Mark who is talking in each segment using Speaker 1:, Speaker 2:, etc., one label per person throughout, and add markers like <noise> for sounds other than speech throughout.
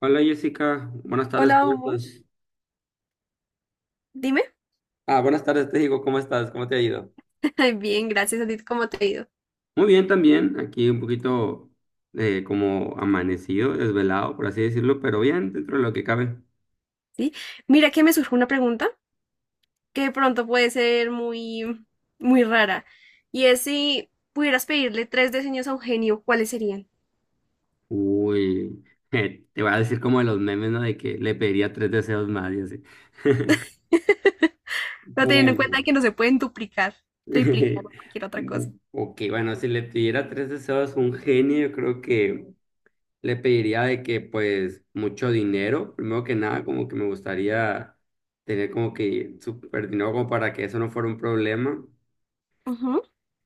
Speaker 1: Hola Jessica, buenas tardes,
Speaker 2: Hola,
Speaker 1: ¿cómo
Speaker 2: amor.
Speaker 1: estás?
Speaker 2: Dime.
Speaker 1: Ah, buenas tardes, te digo, ¿cómo estás? ¿Cómo te ha ido?
Speaker 2: <laughs> Bien, gracias a ti. ¿Cómo te ha ido?
Speaker 1: Muy bien también, aquí un poquito como amanecido, desvelado, por así decirlo, pero bien, dentro de lo que cabe.
Speaker 2: Sí. Mira que me surge una pregunta que de pronto puede ser muy rara. Y es si pudieras pedirle tres diseños a Eugenio, ¿cuáles serían?
Speaker 1: Uy, <laughs> te voy a decir como de los memes, ¿no? De que le pediría tres deseos más y así. <laughs>
Speaker 2: <laughs> Pero teniendo en
Speaker 1: Bueno,
Speaker 2: cuenta que no se pueden duplicar, triplicar
Speaker 1: <laughs>
Speaker 2: o cualquier otra cosa.
Speaker 1: ok, bueno, si le pidiera tres deseos a un genio, yo creo que... le pediría de que pues mucho dinero, primero que nada, como que me gustaría tener como que súper dinero como para que eso no fuera un problema.
Speaker 2: Ujú,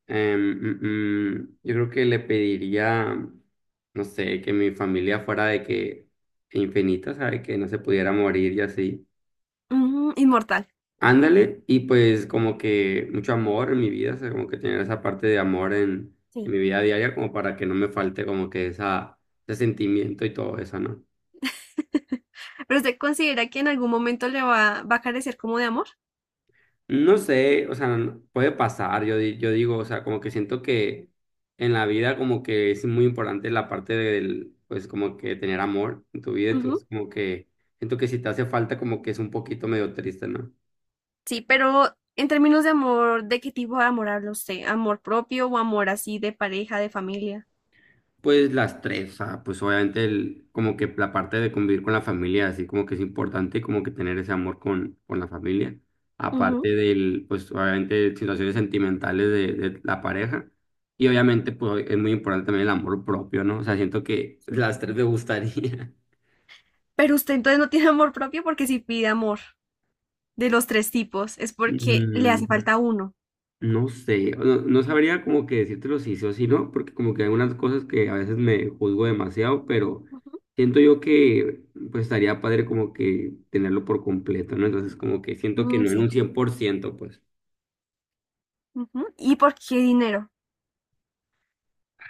Speaker 1: Yo creo que le pediría, no sé, que mi familia fuera de que infinita, ¿sabe? Que no se pudiera morir y así.
Speaker 2: ujú, inmortal.
Speaker 1: Ándale, y pues como que mucho amor en mi vida, o sea, como que tener esa parte de amor en
Speaker 2: Sí.
Speaker 1: mi vida diaria, como para que no me falte como que esa, ese sentimiento y todo eso, ¿no?
Speaker 2: Pero usted considera que en algún momento le va a carecer como de amor.
Speaker 1: No sé, o sea, puede pasar, yo digo, o sea, como que siento que en la vida como que es muy importante la parte del, pues como que tener amor en tu vida, entonces
Speaker 2: Ujú.
Speaker 1: como que siento que si te hace falta como que es un poquito medio triste, ¿no?
Speaker 2: Sí, pero en términos de amor, ¿de qué tipo de amor habla usted? ¿Amor propio o amor así de pareja, de familia?
Speaker 1: Pues las tres, ah, pues obviamente el, como que la parte de convivir con la familia, así como que es importante como que tener ese amor con la familia, aparte
Speaker 2: Ujú,
Speaker 1: del, pues obviamente situaciones sentimentales de la pareja, y obviamente pues es muy importante también el amor propio, ¿no? O sea, siento que
Speaker 2: sí.
Speaker 1: las tres me gustaría. <laughs>
Speaker 2: Pero usted entonces no tiene amor propio, porque si pide amor de los tres tipos es porque le hace
Speaker 1: Mm,
Speaker 2: falta uno.
Speaker 1: No sé, no, no sabría como que decírtelo si sí o si no, porque como que hay unas cosas que a veces me juzgo demasiado, pero
Speaker 2: Ujú.
Speaker 1: siento yo que pues estaría padre como que tenerlo por completo, ¿no? Entonces como que siento que
Speaker 2: Mm,
Speaker 1: no en un
Speaker 2: sí.
Speaker 1: 100% pues,
Speaker 2: Ujú. ¿Y por qué dinero?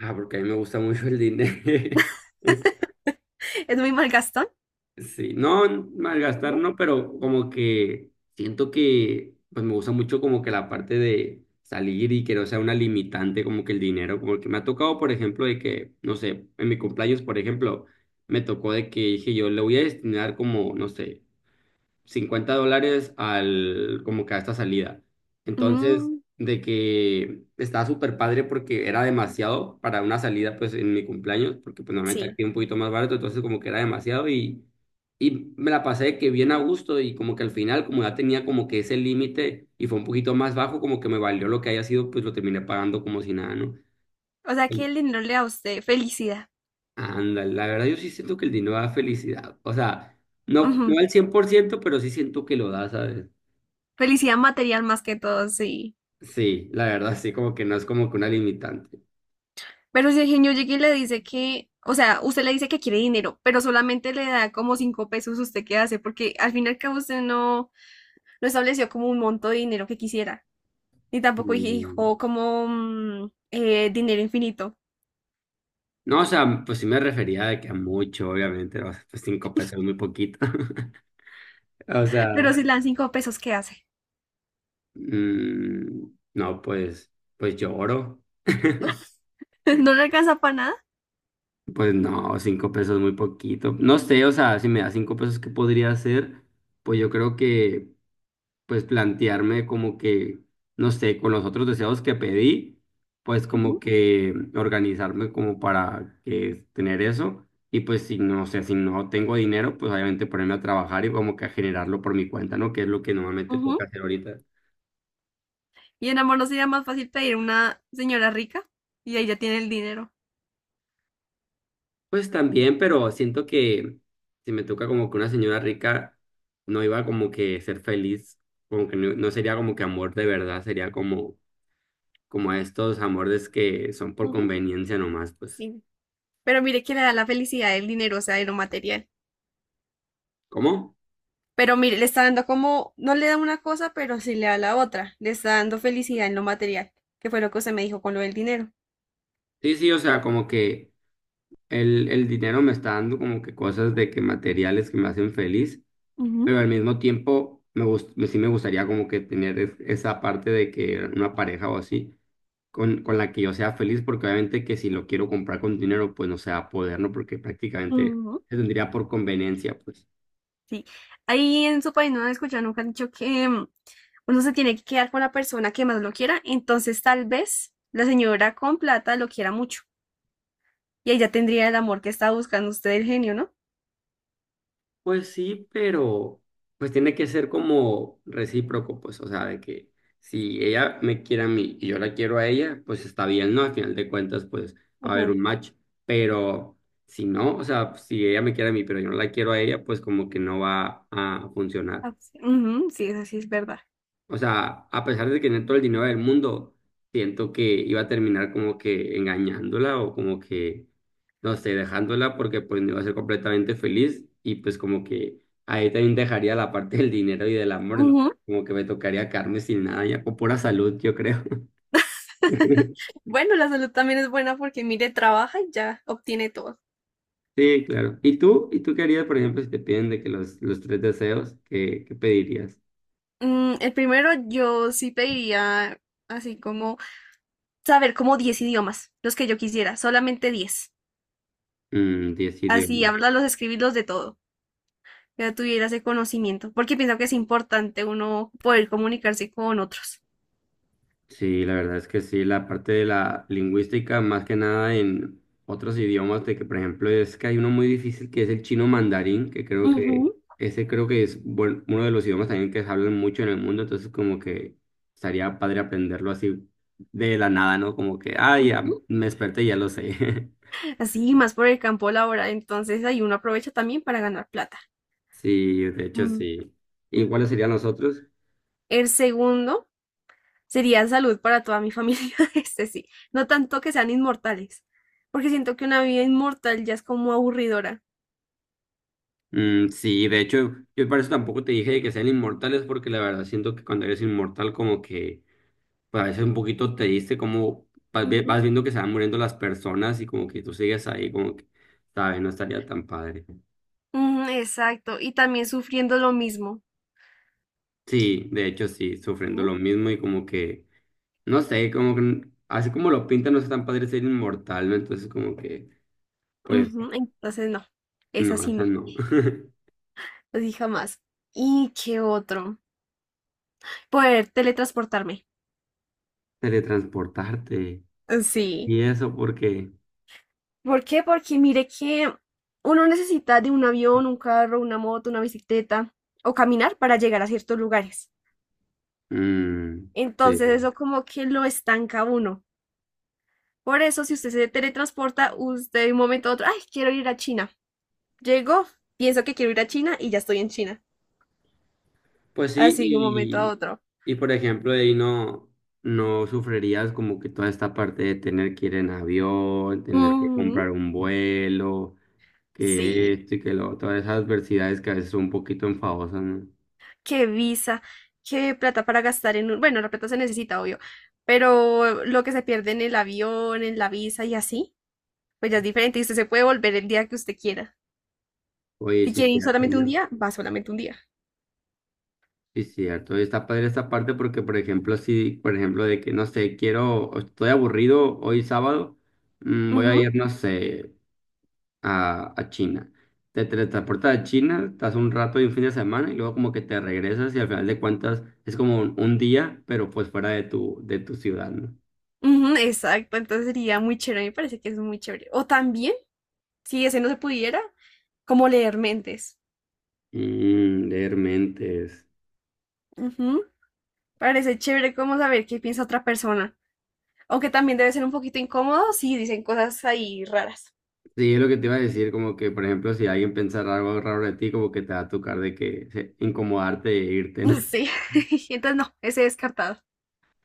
Speaker 1: ah, porque a mí me gusta mucho el dinero.
Speaker 2: <laughs> ¿Es muy malgastón?
Speaker 1: Sí, no, malgastar
Speaker 2: ¿No?
Speaker 1: no, pero como que siento que pues me gusta mucho como que la parte de salir y que no sea una limitante como que el dinero, como que me ha tocado, por ejemplo, de que, no sé, en mi cumpleaños, por ejemplo, me tocó de que dije yo le voy a destinar como, no sé, 50 dólares al, como que a esta salida. Entonces,
Speaker 2: Mm,
Speaker 1: de que estaba súper padre porque era demasiado para una salida, pues en mi cumpleaños, porque pues normalmente
Speaker 2: sí.
Speaker 1: aquí es un poquito más barato, entonces como que era demasiado y me la pasé de que bien a gusto y como que al final, como ya tenía como que ese límite y fue un poquito más bajo, como que me valió lo que haya sido, pues lo terminé pagando como si nada, ¿no?
Speaker 2: O sea que el dinero le da a usted felicidad.
Speaker 1: Ándale, la verdad yo sí siento que el dinero da felicidad, o sea, no, no al 100% pero sí siento que lo da, ¿sabes?
Speaker 2: Felicidad material más que todo, sí.
Speaker 1: Sí, la verdad, sí, como que no es como que una limitante.
Speaker 2: Pero si el genio llega y le dice que, o sea, usted le dice que quiere dinero, pero solamente le da como 5 pesos, ¿usted qué hace? Porque al fin y al cabo usted no, no estableció como un monto de dinero que quisiera. Ni tampoco
Speaker 1: Mm,
Speaker 2: dijo como dinero infinito.
Speaker 1: No, o sea, pues sí me refería de que a mucho, obviamente, ¿no? Pues 5 pesos es muy poquito. <laughs> O
Speaker 2: Pero
Speaker 1: sea,
Speaker 2: si le dan 5 pesos, ¿qué hace?
Speaker 1: mm, no, pues, pues lloro. <laughs>
Speaker 2: <laughs> ¿No le alcanza para nada?
Speaker 1: Pues no, 5 pesos es muy poquito. No sé, o sea, si me da 5 pesos, ¿qué podría hacer? Pues yo creo que pues plantearme como que, no sé, con los otros deseos que pedí, pues como
Speaker 2: Ujú,
Speaker 1: que organizarme como para que tener eso. Y pues si no sé, si no tengo dinero, pues obviamente ponerme a trabajar y como que a generarlo por mi cuenta, ¿no? Que es lo que normalmente toca
Speaker 2: ujú.
Speaker 1: hacer ahorita.
Speaker 2: Y en amor, ¿no sería más fácil pedir una señora rica y ella tiene el dinero?
Speaker 1: Pues también, pero siento que si me toca como que una señora rica, no iba como que ser feliz, como que no, no sería como que amor de verdad, sería como estos amores que son por
Speaker 2: Ujú,
Speaker 1: conveniencia nomás, pues.
Speaker 2: sí. Pero mire que le da la felicidad el dinero, o sea, de lo material.
Speaker 1: ¿Cómo?
Speaker 2: Pero mire, le está dando como, no le da una cosa, pero sí le da la otra. Le está dando felicidad en lo material, que fue lo que usted me dijo con lo del dinero.
Speaker 1: Sí, sí, o sea, como que el dinero me está dando como que cosas de que materiales que me hacen feliz,
Speaker 2: Ujú,
Speaker 1: pero al mismo tiempo sí me gustaría como que tener esa parte de que una pareja o así con la que yo sea feliz, porque obviamente que si lo quiero comprar con dinero, pues no se va a poder, ¿no? Porque prácticamente
Speaker 2: ujú,
Speaker 1: se tendría por conveniencia, pues.
Speaker 2: sí. Ahí en su país no han escuchado, nunca han dicho que uno se tiene que quedar con la persona que más lo quiera. Entonces, tal vez la señora con plata lo quiera mucho. Y ella tendría el amor que está buscando usted, el genio, ¿no?
Speaker 1: Pues sí, pero pues tiene que ser como recíproco, pues, o sea, de que
Speaker 2: Sí.
Speaker 1: si ella me quiere a mí y yo la quiero a ella, pues está bien, ¿no? Al final de cuentas, pues va a haber
Speaker 2: Ujú.
Speaker 1: un match, pero si no, o sea, si ella me quiere a mí, pero yo no la quiero a ella, pues como que no va a funcionar.
Speaker 2: Ah, sí. Ujú, sí, eso sí es verdad.
Speaker 1: O sea, a pesar de que tenía todo el dinero del mundo, siento que iba a terminar como que engañándola o como que no sé, dejándola porque pues no iba a ser completamente feliz y pues como que ahí también dejaría la parte del dinero y del amor,
Speaker 2: Ujú.
Speaker 1: entonces, como que me tocaría quedarme sin nada ya, o pura salud, yo creo. <laughs>
Speaker 2: Bueno, la salud también es buena porque mire, trabaja y ya obtiene todo.
Speaker 1: Sí, claro. ¿Y tú qué harías, por ejemplo, si te piden de que los tres deseos, qué pedirías?
Speaker 2: Mm, el primero yo sí pediría así como saber como 10 idiomas, los que yo quisiera, solamente 10.
Speaker 1: Diez
Speaker 2: Así
Speaker 1: idiomas.
Speaker 2: hablarlos, escribirlos, de todo, que ya tuviera ese conocimiento, porque pienso que es importante uno poder comunicarse con otros.
Speaker 1: Sí, la verdad es que sí, la parte de la lingüística, más que nada en otros idiomas, de que por ejemplo es que hay uno muy difícil que es el chino mandarín, que creo
Speaker 2: Ujú,
Speaker 1: que ese creo que es uno de los idiomas también que se hablan mucho en el mundo, entonces como que estaría padre aprenderlo así de la nada, ¿no? Como que, ah, ya
Speaker 2: ujú.
Speaker 1: me desperté y ya lo sé. <laughs>
Speaker 2: Así, más por el campo laboral, entonces ahí uno aprovecha también para ganar plata.
Speaker 1: Sí, de hecho
Speaker 2: Mm.
Speaker 1: sí. ¿Y cuáles
Speaker 2: Ujú.
Speaker 1: serían los otros?
Speaker 2: El segundo sería salud para toda mi familia, <laughs> este sí, no tanto que sean inmortales, porque siento que una vida inmortal ya es como aburridora.
Speaker 1: Mm, sí, de hecho, yo por eso tampoco te dije que sean inmortales, porque la verdad siento que cuando eres inmortal como que parece un poquito triste como
Speaker 2: Ujú,
Speaker 1: vas viendo que se van muriendo las personas y como que tú sigues ahí, como que, ¿sabes? No estaría tan padre.
Speaker 2: ujú, exacto, y también sufriendo lo mismo,
Speaker 1: Sí, de hecho sí, sufriendo
Speaker 2: ¿no?
Speaker 1: lo mismo y como que, no sé, como que, así como lo pintan, no es tan padre ser inmortal, ¿no? Entonces como que, pues,
Speaker 2: Ujú. Entonces, no, es
Speaker 1: no,
Speaker 2: así,
Speaker 1: esa
Speaker 2: no,
Speaker 1: no. <laughs>
Speaker 2: así jamás. ¿Y qué otro? Poder teletransportarme.
Speaker 1: Teletransportarte.
Speaker 2: Sí.
Speaker 1: Y eso porque,
Speaker 2: ¿Por qué? Porque mire que uno necesita de un avión, un carro, una moto, una bicicleta o caminar para llegar a ciertos lugares.
Speaker 1: mm,
Speaker 2: Entonces,
Speaker 1: sí.
Speaker 2: eso como que lo estanca a uno. Por eso, si usted se teletransporta, usted de un momento a otro, ay, quiero ir a China. Llego, pienso que quiero ir a China y ya estoy en China.
Speaker 1: Pues sí,
Speaker 2: Así de un momento a
Speaker 1: y,
Speaker 2: otro.
Speaker 1: y por ejemplo, ahí no, no sufrirías como que toda esta parte de tener que ir en avión, tener que
Speaker 2: Ujú.
Speaker 1: comprar un vuelo, que
Speaker 2: Sí,
Speaker 1: esto y que lo, todas esas adversidades que a veces son un poquito enfadosas, ¿no?
Speaker 2: qué visa, qué plata para gastar en un... Bueno, la plata se necesita, obvio, pero lo que se pierde en el avión, en la visa y así, pues ya es diferente y usted se puede volver el día que usted quiera.
Speaker 1: Oye,
Speaker 2: Si
Speaker 1: sí,
Speaker 2: quiere ir
Speaker 1: cierto,
Speaker 2: solamente un
Speaker 1: ¿no?
Speaker 2: día, va solamente un día.
Speaker 1: Sí, cierto. Y está padre esta parte porque, por ejemplo, si, por ejemplo, de que, no sé, quiero, estoy aburrido hoy sábado, voy a
Speaker 2: Ujú,
Speaker 1: ir, no sé. A China. Te teletransportas a China, estás un rato y un fin de semana y luego como que te regresas y al final de cuentas es como un día, pero pues fuera de tu ciudad, ¿no?
Speaker 2: ujú, exacto, entonces sería muy chévere, me parece que es muy chévere. O también, si ese no se pudiera, como leer mentes.
Speaker 1: Leer mentes.
Speaker 2: Ujú, parece chévere como saber qué piensa otra persona. Aunque también debe ser un poquito incómodo si dicen cosas ahí raras.
Speaker 1: Sí, es lo que te iba a decir, como que, por ejemplo, si alguien pensara algo raro de ti, como que te va a tocar de que incomodarte e irte, ¿no?
Speaker 2: Sí, <laughs> entonces no, ese descartado.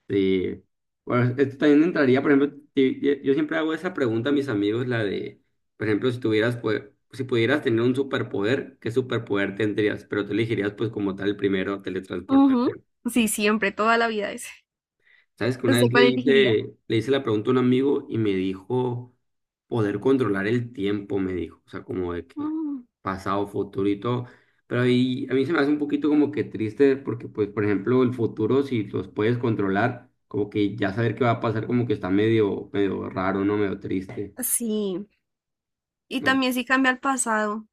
Speaker 1: Sí. Bueno, esto también entraría, por ejemplo, yo siempre hago esa pregunta a mis amigos, la de, por ejemplo, pues, si pudieras tener un superpoder, ¿qué superpoder tendrías? Pero tú elegirías, pues, como tal, primero
Speaker 2: Ujú.
Speaker 1: teletransportarte.
Speaker 2: Sí, siempre, toda la vida ese.
Speaker 1: Sabes que una vez
Speaker 2: ¿Usted
Speaker 1: le
Speaker 2: cuál elegiría?
Speaker 1: hice, le hice la pregunta a un amigo y me dijo poder controlar el tiempo, me dijo, o sea, como de que
Speaker 2: Mm.
Speaker 1: pasado, futuro y todo. Pero ahí a mí se me hace un poquito como que triste porque, pues, por ejemplo, el futuro, si los puedes controlar, como que ya saber qué va a pasar, como que está medio, medio raro, ¿no? Medio triste.
Speaker 2: Sí, y
Speaker 1: ¿No?
Speaker 2: también si cambia al pasado.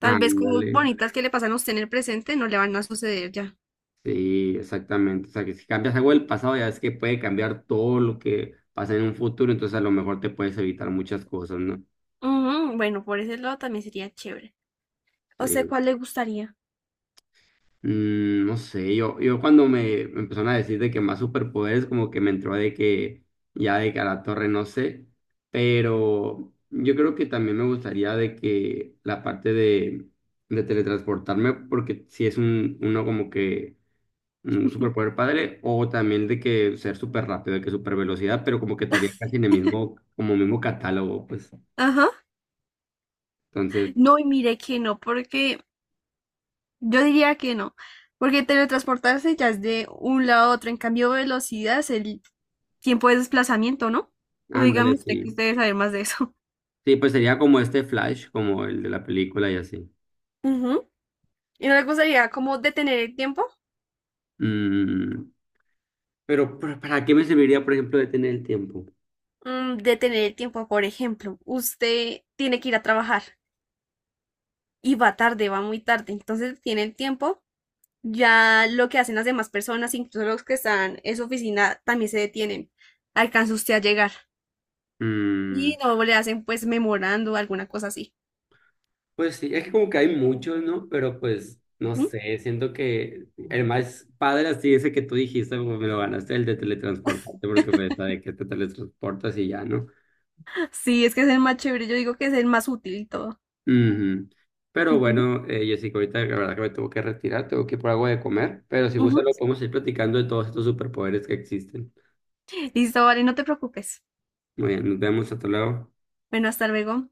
Speaker 2: Tal vez cosas
Speaker 1: Ándale,
Speaker 2: bonitas que le pasan a usted en el presente no le van a suceder ya.
Speaker 1: sí, exactamente. O sea, que si cambias algo del pasado, ya es que puede cambiar todo lo que pasa en un futuro, entonces a lo mejor te puedes evitar muchas cosas, ¿no?
Speaker 2: Ujú, bueno, por ese lado también sería chévere. O sea,
Speaker 1: Sí.
Speaker 2: ¿cuál le gustaría?
Speaker 1: No sé, yo, cuando me empezaron a decir de que más superpoderes, como que me entró de que ya de que a la torre no sé, pero yo creo que también me gustaría de que la parte de teletransportarme, porque si es uno como que un superpoder padre, o también de que ser súper rápido, de que super velocidad, pero como que estaría casi en el mismo, como mismo catálogo, pues.
Speaker 2: Ajá.
Speaker 1: Entonces,
Speaker 2: No, y mire que no, porque yo diría que no. Porque teletransportarse ya es de un lado a otro. En cambio, velocidad es el tiempo de desplazamiento, ¿no? O
Speaker 1: ándale,
Speaker 2: dígame usted, que
Speaker 1: sí.
Speaker 2: usted debe saber más de eso.
Speaker 1: Sí, pues sería como este Flash, como el de la película y así.
Speaker 2: <laughs> Ujú. ¿Y no le gustaría como detener el tiempo?
Speaker 1: Mm, Pero, ¿para qué me serviría, por ejemplo, de tener el tiempo?
Speaker 2: Mm, detener el tiempo, por ejemplo, usted tiene que ir a trabajar y va tarde, va muy tarde, entonces tiene el tiempo, ya lo que hacen las demás personas, incluso los que están en su oficina, también se detienen. Alcanza usted a llegar
Speaker 1: Mm,
Speaker 2: y no le hacen pues memorando alguna cosa así.
Speaker 1: pues sí, es que como que hay muchos, ¿no? Pero pues, no
Speaker 2: Ujú.
Speaker 1: sé, siento que el más padre así ese que tú dijiste, pues, me lo ganaste, el de teletransportarte, porque pues de que te teletransportas y ya, ¿no?
Speaker 2: Sí, es que es el más chévere, yo digo que es el más útil y todo.
Speaker 1: Ujú. Pero
Speaker 2: Ujú,
Speaker 1: bueno, Jessica, ahorita la verdad que me tengo que retirar, tengo que ir por algo de comer, pero si gusta
Speaker 2: ujú.
Speaker 1: lo podemos ir platicando de todos estos superpoderes que existen.
Speaker 2: Listo, vale, no te preocupes.
Speaker 1: Muy bien, nos vemos, hasta luego.
Speaker 2: Bueno, hasta luego.